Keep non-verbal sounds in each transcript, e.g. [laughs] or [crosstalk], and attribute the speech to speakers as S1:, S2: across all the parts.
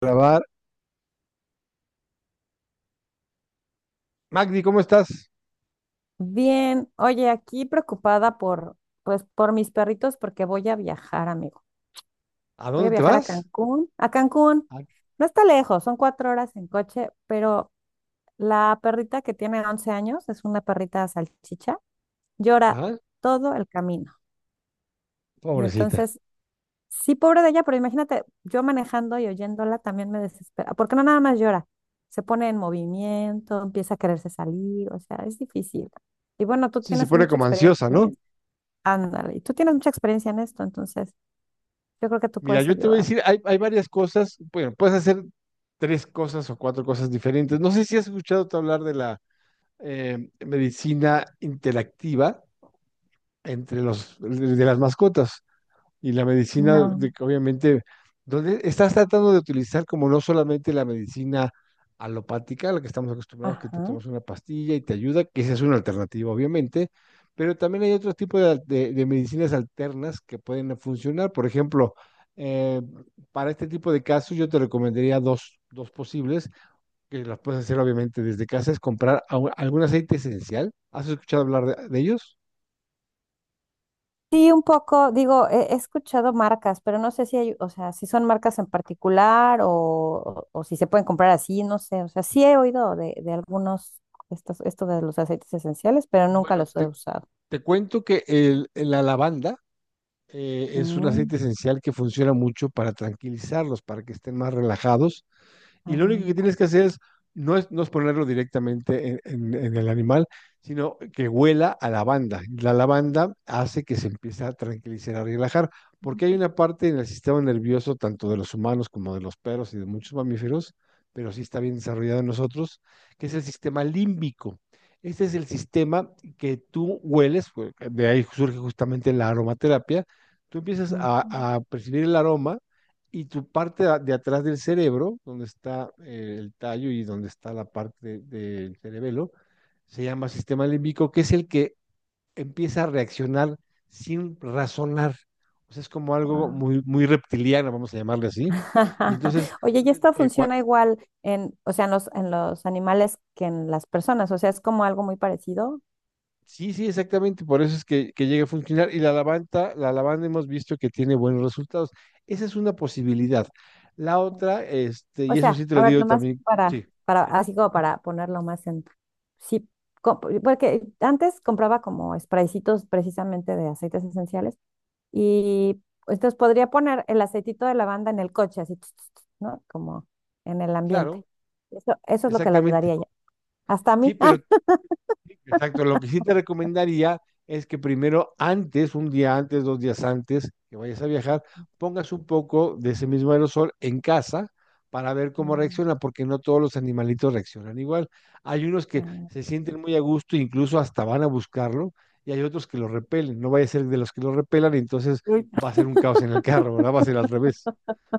S1: Grabar. Magdi, ¿cómo estás?
S2: Bien, oye, aquí preocupada por mis perritos porque voy a viajar, amigo.
S1: ¿A
S2: Voy a
S1: dónde te
S2: viajar a
S1: vas?
S2: Cancún. A Cancún.
S1: Ah,
S2: No está lejos, son 4 horas en coche, pero la perrita que tiene 11 años, es una perrita salchicha, llora
S1: ah,
S2: todo el camino. Y
S1: Pobrecita.
S2: entonces, sí, pobre de ella, pero imagínate, yo manejando y oyéndola también me desespera, porque no nada más llora, se pone en movimiento, empieza a quererse salir, o sea, es difícil. Y bueno, tú
S1: Sí, se
S2: tienes
S1: pone
S2: mucha
S1: como
S2: experiencia
S1: ansiosa,
S2: en
S1: ¿no?
S2: eso. Ándale, y tú tienes mucha experiencia en esto, entonces yo creo que tú
S1: Mira,
S2: puedes
S1: yo te voy a
S2: ayudar.
S1: decir, hay varias cosas, bueno, puedes hacer tres cosas o cuatro cosas diferentes. No sé si has escuchado tú hablar de la medicina interactiva entre los de las mascotas, y la medicina,
S2: No.
S1: de que obviamente, donde estás tratando de utilizar como no solamente la medicina alopática, a la que estamos acostumbrados, que te
S2: Ajá.
S1: tomas una pastilla y te ayuda, que esa es una alternativa, obviamente, pero también hay otro tipo de, de medicinas alternas que pueden funcionar. Por ejemplo, eh, para este tipo de casos, yo te recomendaría dos posibles, que las puedes hacer obviamente desde casa, es comprar algún aceite esencial. ¿Has escuchado hablar de ellos?
S2: Sí, un poco, digo, he escuchado marcas, pero no sé si hay, o sea, si son marcas en particular o si se pueden comprar así, no sé, o sea, sí he oído de algunos, esto de los aceites esenciales, pero nunca
S1: Bueno,
S2: los he
S1: te,
S2: usado.
S1: Te cuento que la lavanda, es un
S2: Mm.
S1: aceite esencial que funciona mucho para tranquilizarlos, para que estén más relajados, y lo único que
S2: Lavanda.
S1: tienes que hacer es no es ponerlo directamente en, en el animal, sino que huela a lavanda. La lavanda hace que se empiece a tranquilizar, a relajar, porque hay una parte en el sistema nervioso, tanto de los humanos como de los perros y de muchos mamíferos, pero sí está bien desarrollado en nosotros, que es el sistema límbico. Este es el sistema que tú hueles, de ahí surge justamente la aromaterapia. Tú empiezas
S2: Mm.
S1: a percibir el aroma, y tu parte de atrás del cerebro, donde está el tallo y donde está la parte del cerebelo, se llama sistema límbico, que es el que empieza a reaccionar sin razonar. O sea, es como algo
S2: Guau.
S1: muy, muy reptiliano, vamos a llamarle así. Y
S2: [laughs]
S1: entonces,
S2: Oye, y esto
S1: eh, cua-
S2: funciona igual en, o sea, en los animales que en las personas, o sea, es como algo muy parecido.
S1: sí, sí, exactamente, por eso es que llega a funcionar. Y la lavanda hemos visto que tiene buenos resultados. Esa es una posibilidad. La otra, este,
S2: O
S1: y eso
S2: sea,
S1: sí te lo
S2: a ver.
S1: digo
S2: Nomás
S1: también, sí,
S2: para, así como para ponerlo más en, sí, porque antes compraba como spraycitos precisamente de aceites esenciales y entonces podría poner el aceitito de lavanda en el coche, así, tss, tss, tss, ¿no? Como en el ambiente.
S1: claro,
S2: Eso es lo que le
S1: exactamente.
S2: ayudaría ya. Hasta a
S1: Sí,
S2: mí. [laughs]
S1: pero exacto, lo que sí te recomendaría es que primero, antes, un día antes, dos días antes que vayas a viajar, pongas un poco de ese mismo aerosol en casa para ver cómo reacciona,
S2: Mm.
S1: porque no todos los animalitos reaccionan igual. Hay unos que
S2: Ah.
S1: se sienten muy a gusto, incluso hasta van a buscarlo, y hay otros que lo repelen. No vaya a ser de los que lo repelan, y entonces
S2: Uy.
S1: va a ser un caos en el carro, ¿verdad? Va a ser al revés.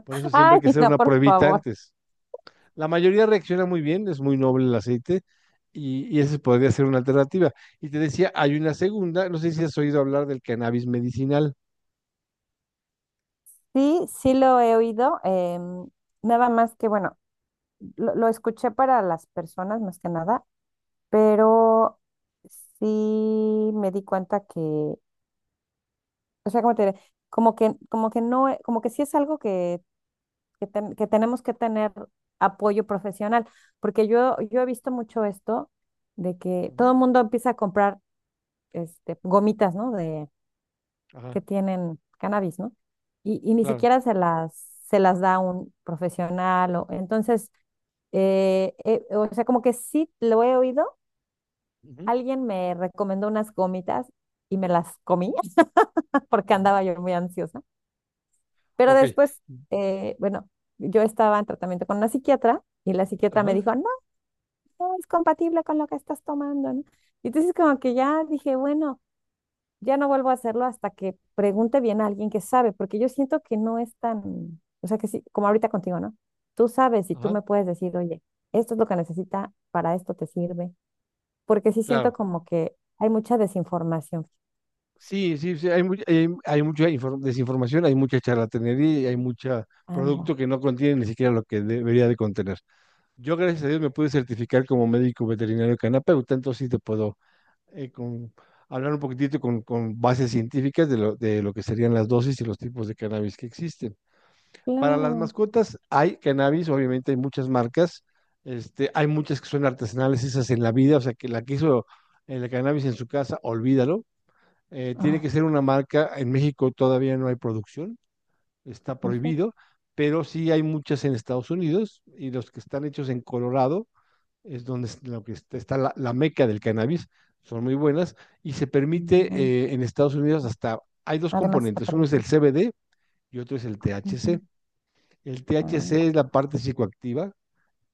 S1: Por eso siempre
S2: Ay,
S1: hay que hacer
S2: no,
S1: una
S2: por
S1: pruebita
S2: favor.
S1: antes. La mayoría reacciona muy bien, es muy noble el aceite, y esa podría ser una alternativa. Y te decía, hay una segunda, no sé si has oído hablar del cannabis medicinal.
S2: Sí, sí lo he oído. Nada más que, bueno, lo escuché para las personas más que nada, pero sí me di cuenta que, o sea, como te diré, como que no, como que sí es algo que, que tenemos que tener apoyo profesional, porque yo he visto mucho esto de que todo
S1: Ujú,
S2: el mundo empieza a comprar gomitas, ¿no? De,
S1: ajá,
S2: que tienen cannabis, ¿no? Y ni
S1: claro.
S2: siquiera se las da un profesional, o, entonces o sea, como que sí lo he oído.
S1: Ujú,
S2: Alguien me recomendó unas gomitas y me las comí [laughs] porque
S1: ajá,
S2: andaba yo muy ansiosa. Pero
S1: ok,
S2: después, bueno, yo estaba en tratamiento con una psiquiatra y la psiquiatra me
S1: ajá,
S2: dijo, no, no es compatible con lo que estás tomando, ¿no? Y entonces como que ya dije, bueno, ya no vuelvo a hacerlo hasta que pregunte bien a alguien que sabe, porque yo siento que no es tan, o sea, que sí, como ahorita contigo, ¿no? Tú sabes y tú
S1: ajá,
S2: me puedes decir, oye, esto es lo que necesita, para esto te sirve, porque sí siento
S1: claro.
S2: como que hay mucha desinformación.
S1: Sí, sí, sí, hay mucha desinformación, hay mucha charlatanería y hay mucho
S2: Anda.
S1: producto que no contiene ni siquiera lo que debería de contener. Yo, gracias a Dios, me pude certificar como médico veterinario canapeuta, entonces sí te puedo eh, con, hablar un poquitito con bases científicas de de lo que serían las dosis y los tipos de cannabis que existen. Para las
S2: Claro.
S1: mascotas hay cannabis, obviamente hay muchas marcas, este, hay muchas que son artesanales, esas en la vida, o sea, que la que hizo el cannabis en su casa, olvídalo. Tiene
S2: Ay,
S1: que ser una marca, en México todavía no hay producción, está
S2: ¿en serio?
S1: prohibido, pero sí hay muchas en Estados Unidos, y los que están hechos en Colorado es donde lo que está, está la, la meca del cannabis, son muy buenas, y se
S2: Mm,
S1: permite
S2: mm.
S1: en Estados Unidos hasta, hay dos
S2: Además está
S1: componentes, uno es el
S2: permitido.
S1: CBD y otro es el THC.
S2: Ujú.
S1: El THC
S2: Ah.
S1: es la parte psicoactiva,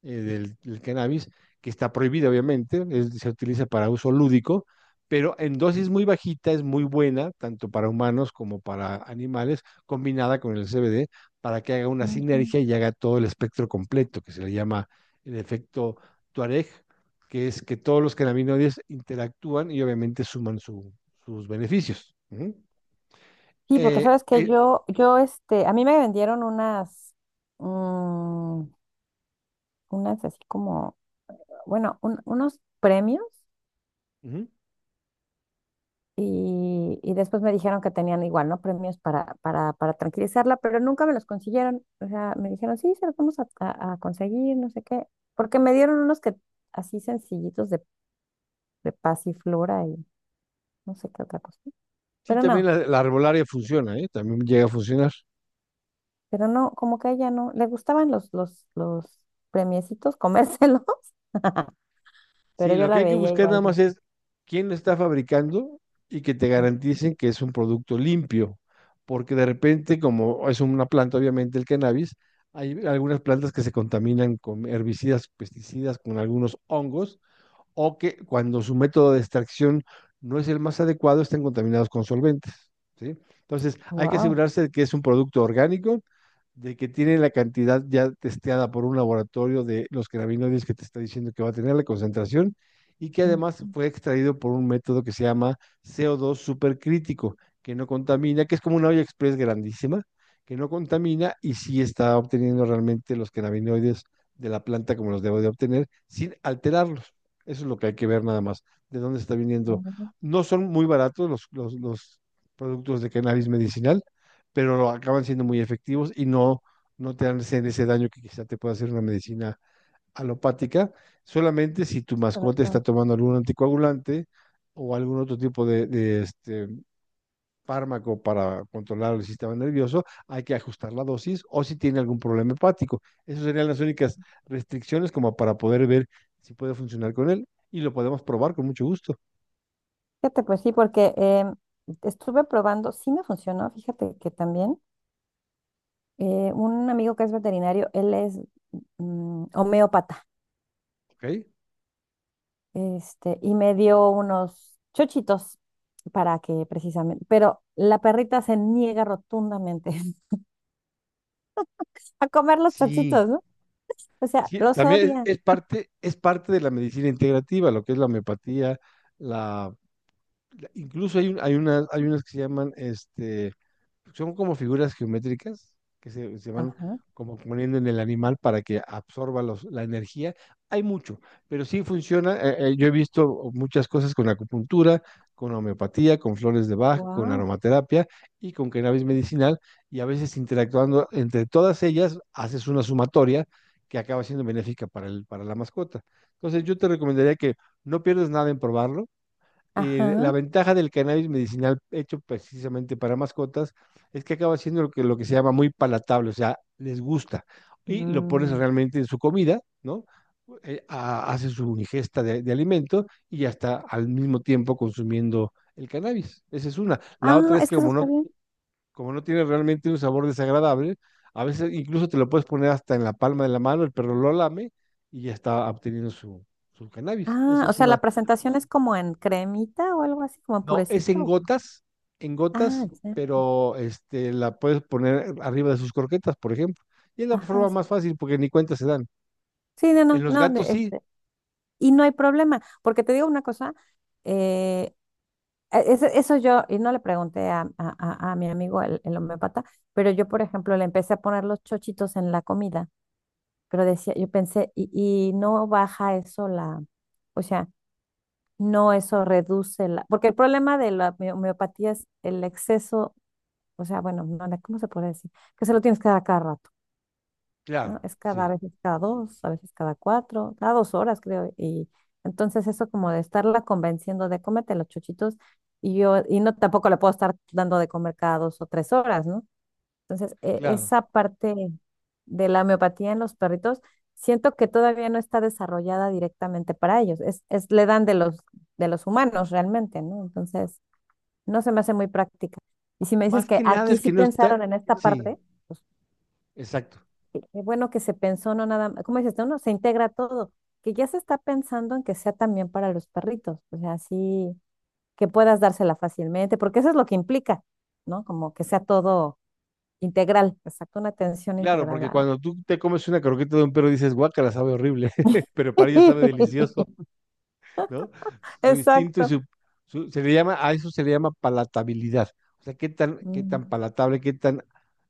S1: del cannabis, que está prohibida obviamente, se utiliza para uso lúdico, pero en dosis muy bajita es muy buena, tanto para humanos como para animales, combinada con el CBD, para que haga una
S2: Ujú.
S1: sinergia y haga todo el espectro completo, que se le llama el efecto Tuareg, que es que todos los cannabinoides interactúan y obviamente suman sus beneficios. Ujú.
S2: Sí, porque
S1: Eh,
S2: sabes que
S1: eh,
S2: a mí me vendieron unas, mm, unas así como, bueno, unos premios
S1: ujú.
S2: y después me dijeron que tenían igual, ¿no? Premios para tranquilizarla, pero nunca me los consiguieron. O sea, me dijeron, sí, se los vamos a conseguir, no sé qué, porque me dieron unos que así sencillitos de pasiflora y no sé qué otra cosa.
S1: Sí,
S2: Pero
S1: también
S2: no.
S1: la arbolaria funciona, ¿eh? También llega a funcionar.
S2: Pero no, como que a ella no, le gustaban los, los premiecitos, comérselos, [laughs] pero
S1: Sí,
S2: yo
S1: lo que
S2: la
S1: hay que
S2: veía
S1: buscar nada
S2: igual de,
S1: más es quién lo está fabricando y que te
S2: ah.
S1: garanticen que es un producto limpio, porque de repente, como es una planta, obviamente el cannabis, hay algunas plantas que se contaminan con herbicidas, pesticidas, con algunos hongos, o que cuando su método de extracción no es el más adecuado, estén contaminados con solventes. ¿Sí? Entonces, hay que
S2: Wow.
S1: asegurarse de que es un producto orgánico, de que tiene la cantidad ya testeada por un laboratorio de los cannabinoides que te está diciendo que va a tener la concentración, y que además fue extraído por un método que se llama CO2 supercrítico, que no contamina, que es como una olla express grandísima, que no contamina y sí está obteniendo realmente los cannabinoides de la planta como los debo de obtener sin alterarlos. Eso es lo que hay que ver nada más, de dónde está viniendo. No son muy baratos los productos de cannabis medicinal, pero acaban siendo muy efectivos y no te hacen ese daño que quizá te pueda hacer una medicina alopática, solamente si tu mascota está tomando algún anticoagulante o algún otro tipo este fármaco para controlar el sistema nervioso, hay que ajustar la dosis o si tiene algún problema hepático. Esas serían las únicas restricciones como para poder ver si puede funcionar con él y lo podemos probar con mucho gusto.
S2: Fíjate, pues sí, porque estuve probando, sí me funcionó, fíjate que también un amigo que es veterinario, él es homeópata.
S1: ¿Ok?
S2: Y me dio unos chochitos para que precisamente, pero la perrita se niega rotundamente [laughs] a comer los
S1: Sí.
S2: chochitos, ¿no? O sea,
S1: Sí,
S2: los
S1: también
S2: odia.
S1: es parte, es parte de la medicina integrativa, lo que es la homeopatía, la, la incluso hay unas que se llaman, este, son como figuras geométricas que se van
S2: Ajá.
S1: como poniendo en el animal para que absorba la energía. Hay mucho, pero sí funciona. Yo he visto muchas cosas con acupuntura, con homeopatía, con flores de Bach, con
S2: Wow.
S1: aromaterapia y con cannabis medicinal. Y a veces interactuando entre todas ellas, haces una sumatoria que acaba siendo benéfica para el, para la mascota. Entonces yo te recomendaría que no pierdas nada en probarlo. La
S2: Ajá.
S1: ventaja del cannabis medicinal hecho precisamente para mascotas es que acaba siendo lo que se llama muy palatable, o sea, les gusta. Y lo pones
S2: Mm.
S1: realmente en su comida, ¿no? Hace su ingesta de alimento y ya está al mismo tiempo consumiendo el cannabis. Esa es una. La otra
S2: Ah,
S1: es
S2: es
S1: que
S2: que eso está bien.
S1: como no tiene realmente un sabor desagradable, a veces incluso te lo puedes poner hasta en la palma de la mano, el perro lo lame y ya está obteniendo su, su cannabis.
S2: Ah,
S1: Esa
S2: o
S1: es
S2: sea,
S1: una.
S2: la presentación es como en cremita o algo así, como en
S1: No, es
S2: purecito.
S1: en gotas,
S2: Ah, ya.
S1: pero este, la puedes poner arriba de sus croquetas, por ejemplo. Y es la
S2: Ajá.
S1: forma
S2: Sí.
S1: más fácil porque ni cuenta se dan.
S2: Sí, no, no,
S1: En los
S2: no.
S1: gatos sí,
S2: Y no hay problema, porque te digo una cosa. Eh, e- ese- eso yo, y no le pregunté a mi amigo el homeópata, pero yo, por ejemplo, le empecé a poner los chochitos en la comida, pero decía, yo pensé, y no baja eso la, o sea, no, eso reduce la, porque el problema de la homeopatía es el exceso, o sea, bueno, no, no, ¿cómo se puede decir? Que se lo tienes que dar a cada rato, ¿no?
S1: claro,
S2: Es cada, a
S1: sí,
S2: veces cada dos, a veces cada cuatro, cada 2 horas, creo. Y entonces eso como de estarla convenciendo de cómete los chuchitos y yo, y no tampoco le puedo estar dando de comer cada 2 o 3 horas, ¿no? Entonces,
S1: claro.
S2: esa parte de la homeopatía en los perritos, siento que todavía no está desarrollada directamente para ellos. Es, le dan de los humanos realmente, ¿no? Entonces, no se me hace muy práctica. Y si me dices
S1: Más
S2: que
S1: que nada
S2: aquí
S1: es
S2: sí
S1: que no está,
S2: pensaron en esta
S1: sí,
S2: parte, pues
S1: exacto.
S2: qué bueno que se pensó, no nada más, ¿cómo dices tú? No, se integra todo, que ya se está pensando en que sea también para los perritos, o sea, así que puedas dársela fácilmente, porque eso es lo que implica, ¿no? Como que sea todo integral, exacto, una atención
S1: Claro,
S2: integral
S1: porque cuando tú te comes una croqueta de un perro dices, guácala, sabe horrible, [laughs] pero para
S2: [laughs]
S1: ellos sabe delicioso. ¿No? Su instinto y
S2: Exacto.
S1: su, se le llama, a eso se le llama palatabilidad. O sea, qué tan
S2: Mm.
S1: palatable, qué tan,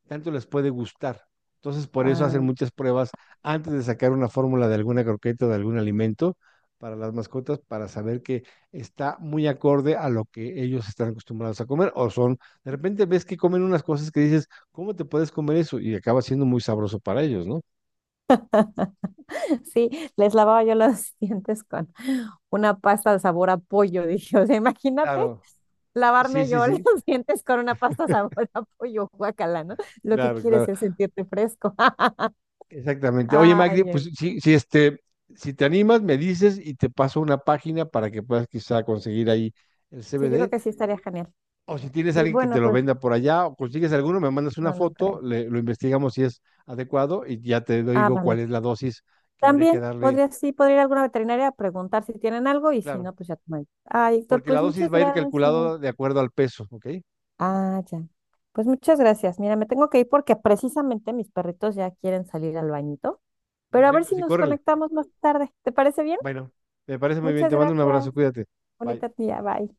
S1: tanto les puede gustar. Entonces, por eso hacen
S2: Ay,
S1: muchas pruebas antes de sacar una fórmula de alguna croqueta o de algún alimento para las mascotas, para saber que está muy acorde a lo que ellos están acostumbrados a comer, o son, de repente ves que comen unas cosas que dices, ¿cómo te puedes comer eso? Y acaba siendo muy sabroso para ellos, ¿no?
S2: sí, les lavaba yo los [laughs] dientes con una pasta de sabor a pollo, dije, o sea, imagínate
S1: Claro, sí,
S2: lavarme
S1: sí,
S2: yo [laughs] los
S1: sí,
S2: dientes con una pasta sabor a pollo, guacala, ¿no? Lo que
S1: claro,
S2: quieres
S1: claro.
S2: es sentirte fresco. [laughs]
S1: Exactamente. Oye, Magdi,
S2: Ay.
S1: pues si, si, este, si te animas, me dices y te paso una página para que puedas quizá conseguir ahí el
S2: Sí, yo creo
S1: CBD.
S2: que sí estaría genial.
S1: O si tienes
S2: Y
S1: alguien que te
S2: bueno,
S1: lo
S2: pues
S1: venda por allá, o consigues alguno, me mandas una
S2: no, no
S1: foto,
S2: creo.
S1: lo investigamos si es adecuado y ya te
S2: Ah,
S1: digo cuál
S2: vale.
S1: es la dosis que habría que
S2: También
S1: darle.
S2: podría, sí, podría ir a alguna veterinaria a preguntar si tienen algo y si
S1: Claro,
S2: no, pues ya tomaré. Ay, Héctor,
S1: porque la
S2: pues
S1: dosis
S2: muchas
S1: va a ir
S2: gracias.
S1: calculada de acuerdo al peso, ¿ok?
S2: Ah, ya. Pues muchas gracias. Mira, me tengo que ir porque precisamente mis perritos ya quieren salir al bañito, pero a ver
S1: Perfecto,
S2: si
S1: sí,
S2: nos
S1: córrele.
S2: conectamos más tarde. ¿Te parece bien?
S1: Bueno, me parece muy bien.
S2: Muchas
S1: Te mando un
S2: gracias.
S1: abrazo, cuídate. Bye.
S2: Bonita tía. Bye.